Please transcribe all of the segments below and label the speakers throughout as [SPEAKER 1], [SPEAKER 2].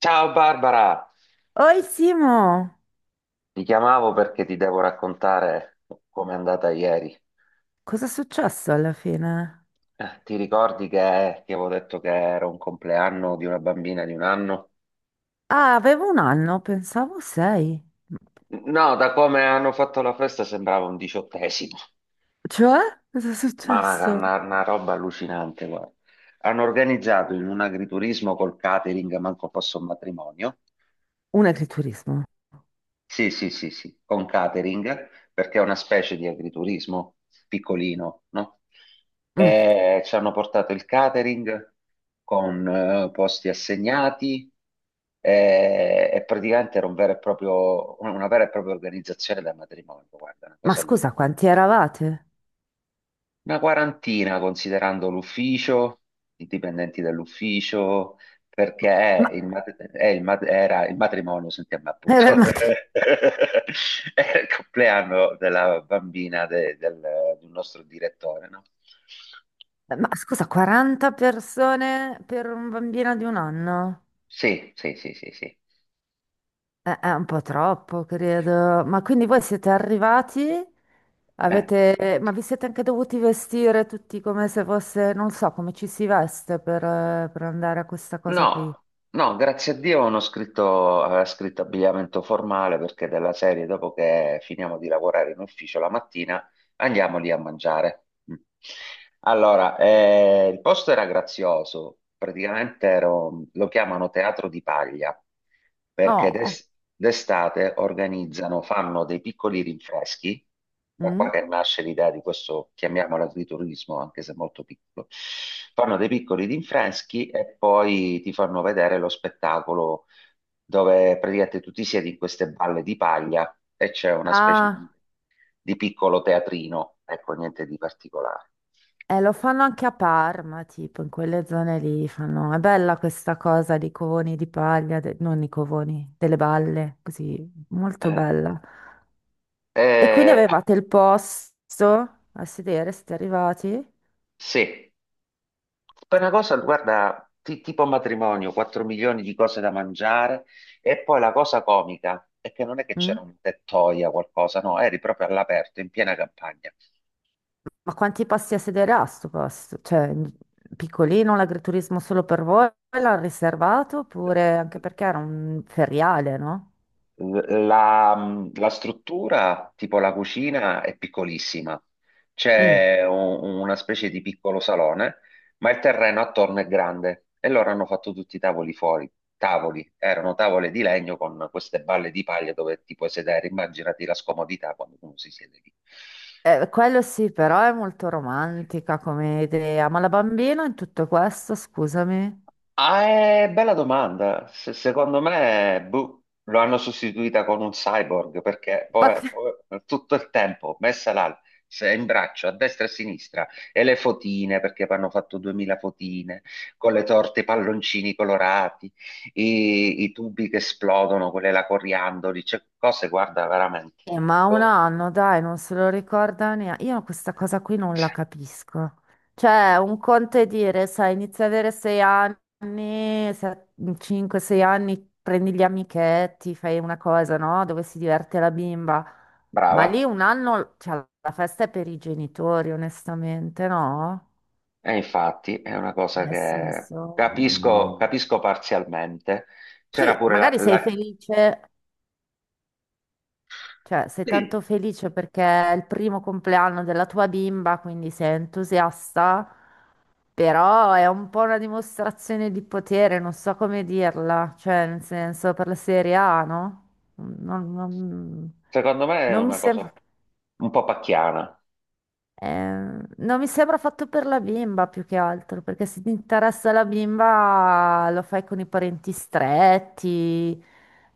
[SPEAKER 1] Ciao Barbara,
[SPEAKER 2] Oi Simo,
[SPEAKER 1] ti chiamavo perché ti devo raccontare com'è andata ieri.
[SPEAKER 2] cosa è successo alla fine?
[SPEAKER 1] Ti ricordi che ti avevo detto che era un compleanno di una bambina di un anno?
[SPEAKER 2] Ah, avevo un anno, pensavo sei.
[SPEAKER 1] No, da come hanno fatto la festa sembrava un diciottesimo,
[SPEAKER 2] Cioè? Cosa è
[SPEAKER 1] ma una,
[SPEAKER 2] successo?
[SPEAKER 1] una- una roba allucinante, guarda. Hanno organizzato in un agriturismo col catering, manco fosse un matrimonio.
[SPEAKER 2] Un agriturismo.
[SPEAKER 1] Sì, sì, sì, sì, con catering, perché è una specie di agriturismo piccolino, no?
[SPEAKER 2] Mm.
[SPEAKER 1] E ci hanno portato il catering con posti assegnati, e praticamente era un vero e proprio, una vera e propria organizzazione da matrimonio, guarda, una
[SPEAKER 2] Ma
[SPEAKER 1] cosa
[SPEAKER 2] scusa,
[SPEAKER 1] allucinante.
[SPEAKER 2] quanti eravate?
[SPEAKER 1] Una quarantina considerando l'ufficio, i dipendenti dell'ufficio, perché
[SPEAKER 2] Ma,
[SPEAKER 1] è il mat- è il mat- era il matrimonio, sentiamo
[SPEAKER 2] eh,
[SPEAKER 1] appunto,
[SPEAKER 2] ma-
[SPEAKER 1] era il compleanno della bambina del nostro direttore, no?
[SPEAKER 2] ma scusa, 40 persone per un bambino di un anno?
[SPEAKER 1] Sì, sì, sì, sì, sì.
[SPEAKER 2] È un po' troppo, credo. Ma quindi voi siete arrivati?
[SPEAKER 1] Eh,
[SPEAKER 2] Avete, ma vi siete anche dovuti vestire tutti come se fosse, non so, come ci si veste per andare a questa cosa qui.
[SPEAKER 1] No, no, grazie a Dio non ho scritto, aveva scritto abbigliamento formale perché della serie, dopo che finiamo di lavorare in ufficio la mattina, andiamo lì a mangiare. Mm. Allora, il posto era grazioso, praticamente lo chiamano Teatro di Paglia, perché
[SPEAKER 2] Oh,
[SPEAKER 1] d'estate organizzano, fanno dei piccoli rinfreschi, da qua
[SPEAKER 2] mm.
[SPEAKER 1] che nasce l'idea di questo, chiamiamolo agriturismo, anche se molto piccolo. Fanno dei piccoli rinfreschi e poi ti fanno vedere lo spettacolo dove praticamente tu ti siedi in queste balle di paglia e c'è una specie di
[SPEAKER 2] Ah,
[SPEAKER 1] piccolo teatrino, ecco, niente di particolare.
[SPEAKER 2] lo fanno anche a Parma, tipo, in quelle zone lì fanno. È bella questa cosa di covoni di paglia, non i covoni, delle balle, così, molto
[SPEAKER 1] Eh,
[SPEAKER 2] bella. E quindi
[SPEAKER 1] eh,
[SPEAKER 2] avevate il posto a sedere, siete arrivati?
[SPEAKER 1] sì, poi una cosa, guarda, tipo matrimonio, 4 milioni di cose da mangiare e poi la cosa comica è che non è che
[SPEAKER 2] Mm?
[SPEAKER 1] c'era un tettoia o qualcosa, no, eri proprio all'aperto, in piena campagna.
[SPEAKER 2] Ma quanti posti a sedere ha sto posto? Cioè, piccolino, l'agriturismo solo per voi? L'ha riservato oppure anche perché era un feriale, no?
[SPEAKER 1] L- La, la struttura, tipo la cucina, è piccolissima.
[SPEAKER 2] Mm.
[SPEAKER 1] C'è una specie di piccolo salone, ma il terreno attorno è grande e loro hanno fatto tutti i tavoli fuori. Tavoli, erano tavole di legno con queste balle di paglia dove ti puoi sedere. Immaginati la scomodità quando uno si siede lì.
[SPEAKER 2] Quello sì, però è molto romantica come idea. Ma la bambina in tutto questo, scusami.
[SPEAKER 1] Ah, è bella domanda. Secondo me, boh, lo hanno sostituita con un cyborg perché
[SPEAKER 2] Ma,
[SPEAKER 1] poi,
[SPEAKER 2] che-
[SPEAKER 1] poi tutto il tempo messa là, in braccio a destra e a sinistra e le fotine perché hanno fatto 2000 fotine con le torte, i palloncini colorati, i tubi che esplodono, quelle la coriandoli, cioè cose, guarda, veramente.
[SPEAKER 2] ma un
[SPEAKER 1] Boh.
[SPEAKER 2] anno, dai, non se lo ricorda neanche. Io questa cosa qui non la capisco. Cioè, un conto è dire, sai, inizia ad avere sei anni, 5-6 anni, prendi gli amichetti, fai una cosa, no? Dove si diverte la bimba. Ma lì
[SPEAKER 1] Brava.
[SPEAKER 2] un anno, cioè, la festa è per i genitori, onestamente, no?
[SPEAKER 1] E infatti è una cosa
[SPEAKER 2] Nel
[SPEAKER 1] che
[SPEAKER 2] senso, no.
[SPEAKER 1] capisco, capisco parzialmente. C'era
[SPEAKER 2] Sì,
[SPEAKER 1] pure la,
[SPEAKER 2] magari sei
[SPEAKER 1] la-
[SPEAKER 2] felice, cioè sei tanto
[SPEAKER 1] Sì,
[SPEAKER 2] felice perché è il primo compleanno della tua bimba, quindi sei entusiasta, però è un po' una dimostrazione di potere, non so come dirla, cioè nel senso per la serie A, no? Non, non-
[SPEAKER 1] secondo me è
[SPEAKER 2] non mi
[SPEAKER 1] una cosa
[SPEAKER 2] sembra.
[SPEAKER 1] un po' pacchiana.
[SPEAKER 2] Eh, non mi sembra fatto per la bimba più che altro, perché se ti interessa la bimba lo fai con i parenti stretti,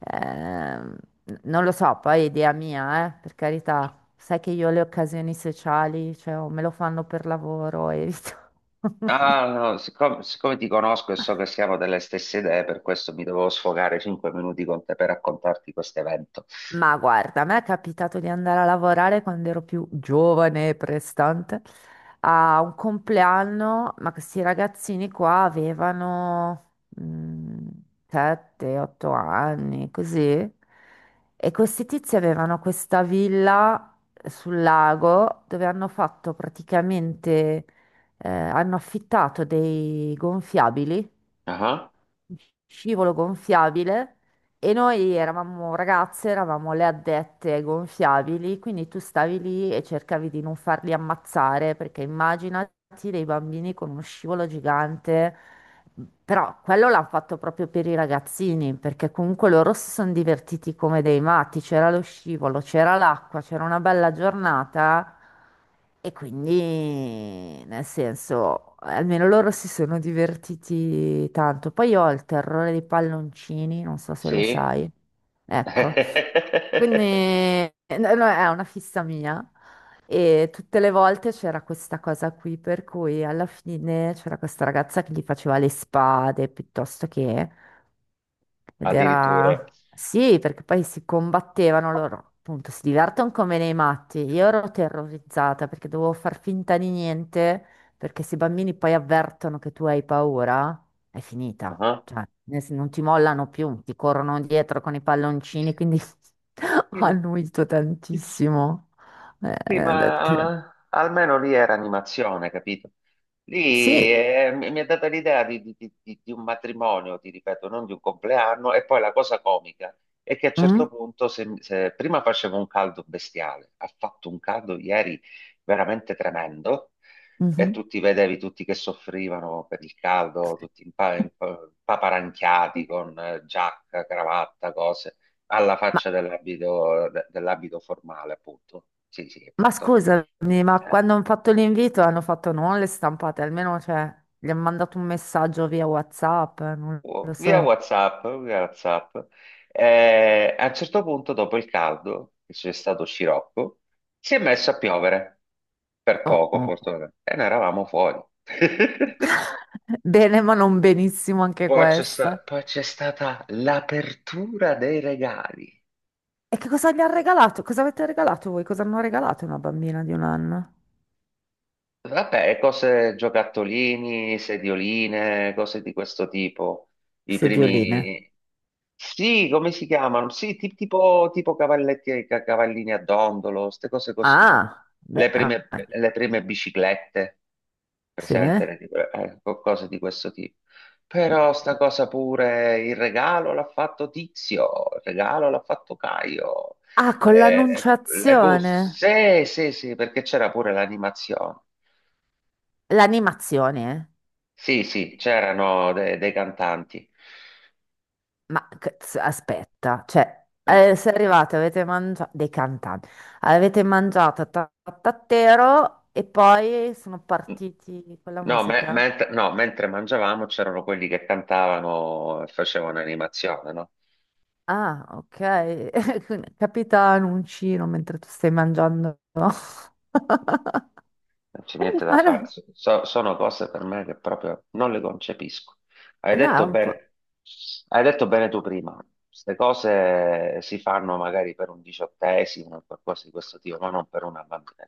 [SPEAKER 2] ehm, non lo so, poi è idea mia, per carità. Sai che io le occasioni sociali, cioè, o me lo fanno per lavoro, evito.
[SPEAKER 1] Ah, no, siccome ti conosco e so che siamo delle stesse idee, per questo mi dovevo sfogare 5 minuti con te per raccontarti questo evento.
[SPEAKER 2] Ma guarda, a me è capitato di andare a lavorare quando ero più giovane e prestante a un compleanno, ma questi ragazzini qua avevano 7-8 anni, così. E questi tizi avevano questa villa sul lago dove hanno fatto praticamente, hanno affittato dei gonfiabili,
[SPEAKER 1] Ah.
[SPEAKER 2] scivolo gonfiabile, e noi eravamo ragazze, eravamo le addette ai gonfiabili, quindi tu stavi lì e cercavi di non farli ammazzare, perché immaginati dei bambini con uno scivolo gigante. Però quello l'hanno fatto proprio per i ragazzini, perché comunque loro si sono divertiti come dei matti, c'era lo scivolo, c'era l'acqua, c'era una bella giornata, e quindi, nel senso, almeno loro si sono divertiti tanto. Poi io ho il terrore dei palloncini, non so se lo
[SPEAKER 1] Sì?
[SPEAKER 2] sai. Ecco, quindi no, no, è una fissa mia, e tutte le volte c'era questa cosa qui, per cui alla fine c'era questa ragazza che gli faceva le spade piuttosto che. Ed
[SPEAKER 1] Addirittura.
[SPEAKER 2] era... Sì, perché poi si combattevano loro, appunto, si divertono come nei matti. Io ero terrorizzata perché dovevo far finta di niente, perché se i bambini poi avvertono che tu hai paura, è finita.
[SPEAKER 1] Ah.
[SPEAKER 2] Cioè, non ti mollano più, ti corrono dietro con i palloncini, quindi ho annuito
[SPEAKER 1] Sì.
[SPEAKER 2] tantissimo.
[SPEAKER 1] Sì,
[SPEAKER 2] Eh, ho detto-
[SPEAKER 1] ma almeno lì era animazione, capito? Lì
[SPEAKER 2] Sì.
[SPEAKER 1] mi è data l'idea di un matrimonio, ti ripeto, non di un compleanno. E poi la cosa comica è che a un
[SPEAKER 2] Mm?
[SPEAKER 1] certo punto, se prima faceva un caldo bestiale, ha fatto un caldo ieri veramente tremendo, e
[SPEAKER 2] Mhm.
[SPEAKER 1] tutti vedevi tutti che soffrivano per il caldo, tutti paparanchiati con giacca, cravatta, cose alla faccia dell'abito dell'abito formale, appunto. Sì, sì,
[SPEAKER 2] Ma
[SPEAKER 1] appunto.
[SPEAKER 2] scusami, ma
[SPEAKER 1] Eh,
[SPEAKER 2] quando hanno fatto l'invito hanno fatto non le stampate, almeno cioè, gli hanno mandato un messaggio via WhatsApp, non lo
[SPEAKER 1] oh, via
[SPEAKER 2] so.
[SPEAKER 1] WhatsApp, via WhatsApp. A un certo punto, dopo il caldo, che c'è stato scirocco, si è messo a piovere. Per
[SPEAKER 2] Oh,
[SPEAKER 1] poco,
[SPEAKER 2] oh.
[SPEAKER 1] fortunatamente. E noi eravamo fuori.
[SPEAKER 2] Bene, ma non benissimo anche
[SPEAKER 1] Poi c'è sta-
[SPEAKER 2] questa.
[SPEAKER 1] poi c'è stata l'apertura dei regali.
[SPEAKER 2] E che cosa gli hanno regalato? Cosa avete regalato voi? Cosa hanno regalato a una bambina di un anno?
[SPEAKER 1] Vabbè, cose giocattolini, sedioline, cose di questo tipo. I
[SPEAKER 2] Sedioline.
[SPEAKER 1] primi... Sì, come si chiamano? Sì, tipo, cavalletti, cavallini a dondolo, queste cose così,
[SPEAKER 2] Ah,
[SPEAKER 1] no?
[SPEAKER 2] beh,
[SPEAKER 1] Le
[SPEAKER 2] ah,
[SPEAKER 1] prime, le prime biciclette,
[SPEAKER 2] sì.
[SPEAKER 1] presente, cose di questo tipo. Però sta cosa pure, il regalo l'ha fatto Tizio, il regalo l'ha fatto Caio.
[SPEAKER 2] Ah, con
[SPEAKER 1] Le
[SPEAKER 2] l'annunciazione.
[SPEAKER 1] buste, sì, sì, sì, perché c'era pure l'animazione.
[SPEAKER 2] L'animazione, eh.
[SPEAKER 1] Sì, sì, c'erano dei cantanti.
[SPEAKER 2] Ma cazzo, aspetta, cioè,
[SPEAKER 1] Eh,
[SPEAKER 2] se arrivate, avete mangiato dei cantanti, avete mangiato tattatero e poi sono partiti con la
[SPEAKER 1] No, me-
[SPEAKER 2] musica?
[SPEAKER 1] mentre, no, mentre mangiavamo c'erano quelli che cantavano e facevano animazione, no?
[SPEAKER 2] Ah, ok. Capita un uncino mentre tu stai mangiando.
[SPEAKER 1] Non c'è niente da
[SPEAKER 2] Ma
[SPEAKER 1] fare.
[SPEAKER 2] no,
[SPEAKER 1] Sono cose per me che proprio non le concepisco. Hai
[SPEAKER 2] no, è
[SPEAKER 1] detto
[SPEAKER 2] un po'.
[SPEAKER 1] bene, hai detto bene tu prima. Queste cose si fanno magari per un diciottesimo o qualcosa di questo tipo, ma non per una bambina.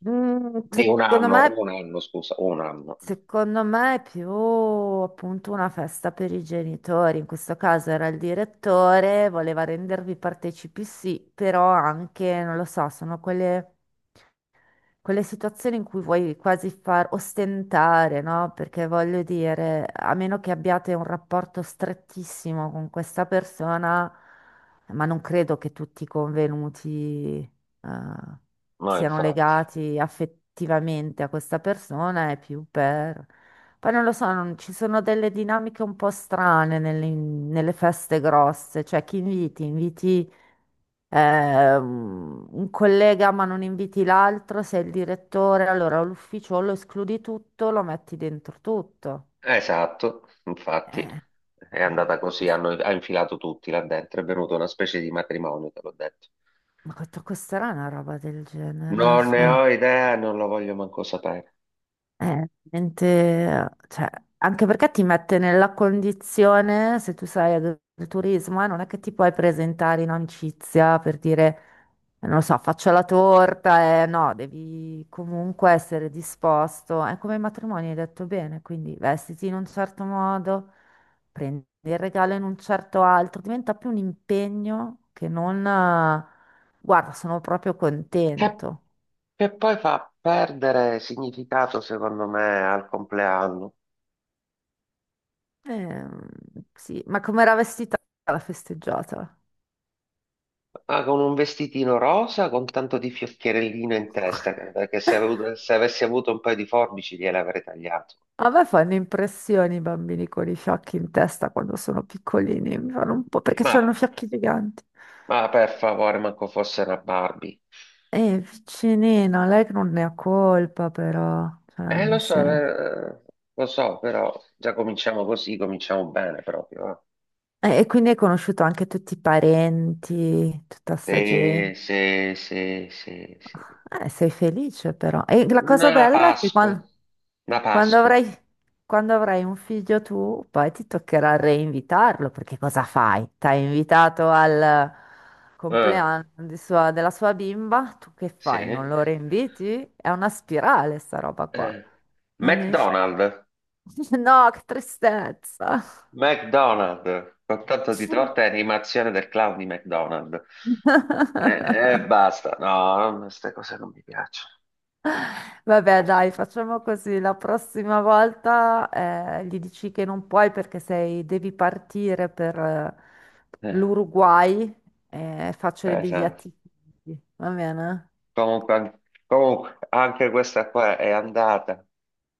[SPEAKER 2] Mm,
[SPEAKER 1] Di
[SPEAKER 2] secondo me.
[SPEAKER 1] un anno, scusa, un anno.
[SPEAKER 2] Secondo me è più appunto una festa per i genitori, in questo caso era il direttore, voleva rendervi partecipi, sì, però anche, non lo so, sono quelle quelle situazioni in cui vuoi quasi far ostentare, no? Perché voglio dire, a meno che abbiate un rapporto strettissimo con questa persona, ma non credo che tutti i convenuti, eh,
[SPEAKER 1] No,
[SPEAKER 2] siano
[SPEAKER 1] infatti.
[SPEAKER 2] legati affettivamente a questa persona, è più per... Poi non lo so, ci sono delle dinamiche un po' strane nelle, nelle feste grosse, cioè chi inviti? Inviti un collega ma non inviti l'altro, sei il direttore, allora l'ufficio lo escludi tutto, lo metti dentro tutto.
[SPEAKER 1] Esatto, infatti
[SPEAKER 2] Eh,
[SPEAKER 1] è
[SPEAKER 2] eh,
[SPEAKER 1] andata così, ha infilato tutti là dentro, è venuta una specie di matrimonio, te l'ho detto.
[SPEAKER 2] costerà una roba del genere?
[SPEAKER 1] Non ne
[SPEAKER 2] Cioè,
[SPEAKER 1] ho idea, non lo voglio manco sapere.
[SPEAKER 2] eh, veramente, cioè, anche perché ti mette nella condizione, se tu sai del turismo, non è che ti puoi presentare in amicizia per dire, non lo so, faccio la torta, no, devi comunque essere disposto. È come i matrimoni, hai detto bene, quindi vestiti in un certo modo, prendi il regalo in un certo altro, diventa più un impegno che non, guarda, sono proprio
[SPEAKER 1] Che,
[SPEAKER 2] contento.
[SPEAKER 1] che poi fa perdere significato, secondo me, al compleanno.
[SPEAKER 2] Ehm, sì, ma com'era vestita la festeggiata?
[SPEAKER 1] Ah, con un vestitino rosa, con tanto di fiocchierellino in testa, perché se avessi avuto un paio di forbici gliele avrei tagliato.
[SPEAKER 2] A me fanno impressione i bambini con i fiocchi in testa quando sono piccolini, mi fanno un po' perché hanno
[SPEAKER 1] Ma,
[SPEAKER 2] fiocchi giganti.
[SPEAKER 1] ma per favore, manco fosse una Barbie.
[SPEAKER 2] E vicinina, lei che non ne ha colpa però, cioè,
[SPEAKER 1] Lo
[SPEAKER 2] nel
[SPEAKER 1] so,
[SPEAKER 2] senso-
[SPEAKER 1] lo so, però già cominciamo così, cominciamo bene proprio.
[SPEAKER 2] e quindi hai conosciuto anche tutti i parenti, tutta sta
[SPEAKER 1] eh.
[SPEAKER 2] gente.
[SPEAKER 1] Se, se.
[SPEAKER 2] Sei felice però. E la
[SPEAKER 1] Una
[SPEAKER 2] cosa bella è che
[SPEAKER 1] Pasqua, una
[SPEAKER 2] quando,
[SPEAKER 1] Pasqua.
[SPEAKER 2] avrai, quando avrai un figlio tu, poi ti toccherà reinvitarlo, perché cosa fai? T'hai invitato al
[SPEAKER 1] Eh,
[SPEAKER 2] compleanno di della sua bimba, tu che
[SPEAKER 1] sì.
[SPEAKER 2] fai? Non lo reinviti? È una spirale sta roba qua.
[SPEAKER 1] Eh.
[SPEAKER 2] Non esci.
[SPEAKER 1] McDonald's,
[SPEAKER 2] No, che tristezza.
[SPEAKER 1] McDonald's, con tanto di torta e animazione del clown di McDonald's. E basta, no, queste cose non mi piacciono.
[SPEAKER 2] Vabbè, dai, facciamo così. La prossima volta gli dici che non puoi perché devi partire per
[SPEAKER 1] Eh,
[SPEAKER 2] l'Uruguay e faccio le
[SPEAKER 1] esatto.
[SPEAKER 2] biglietti. Va bene?
[SPEAKER 1] Comunque, anche questa qua è andata.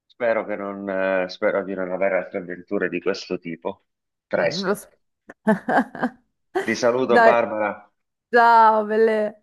[SPEAKER 1] Spero di non avere altre avventure di questo tipo.
[SPEAKER 2] Mm, lo
[SPEAKER 1] Presto.
[SPEAKER 2] so.
[SPEAKER 1] Ti saluto,
[SPEAKER 2] Dai,
[SPEAKER 1] Barbara.
[SPEAKER 2] ciao, belle.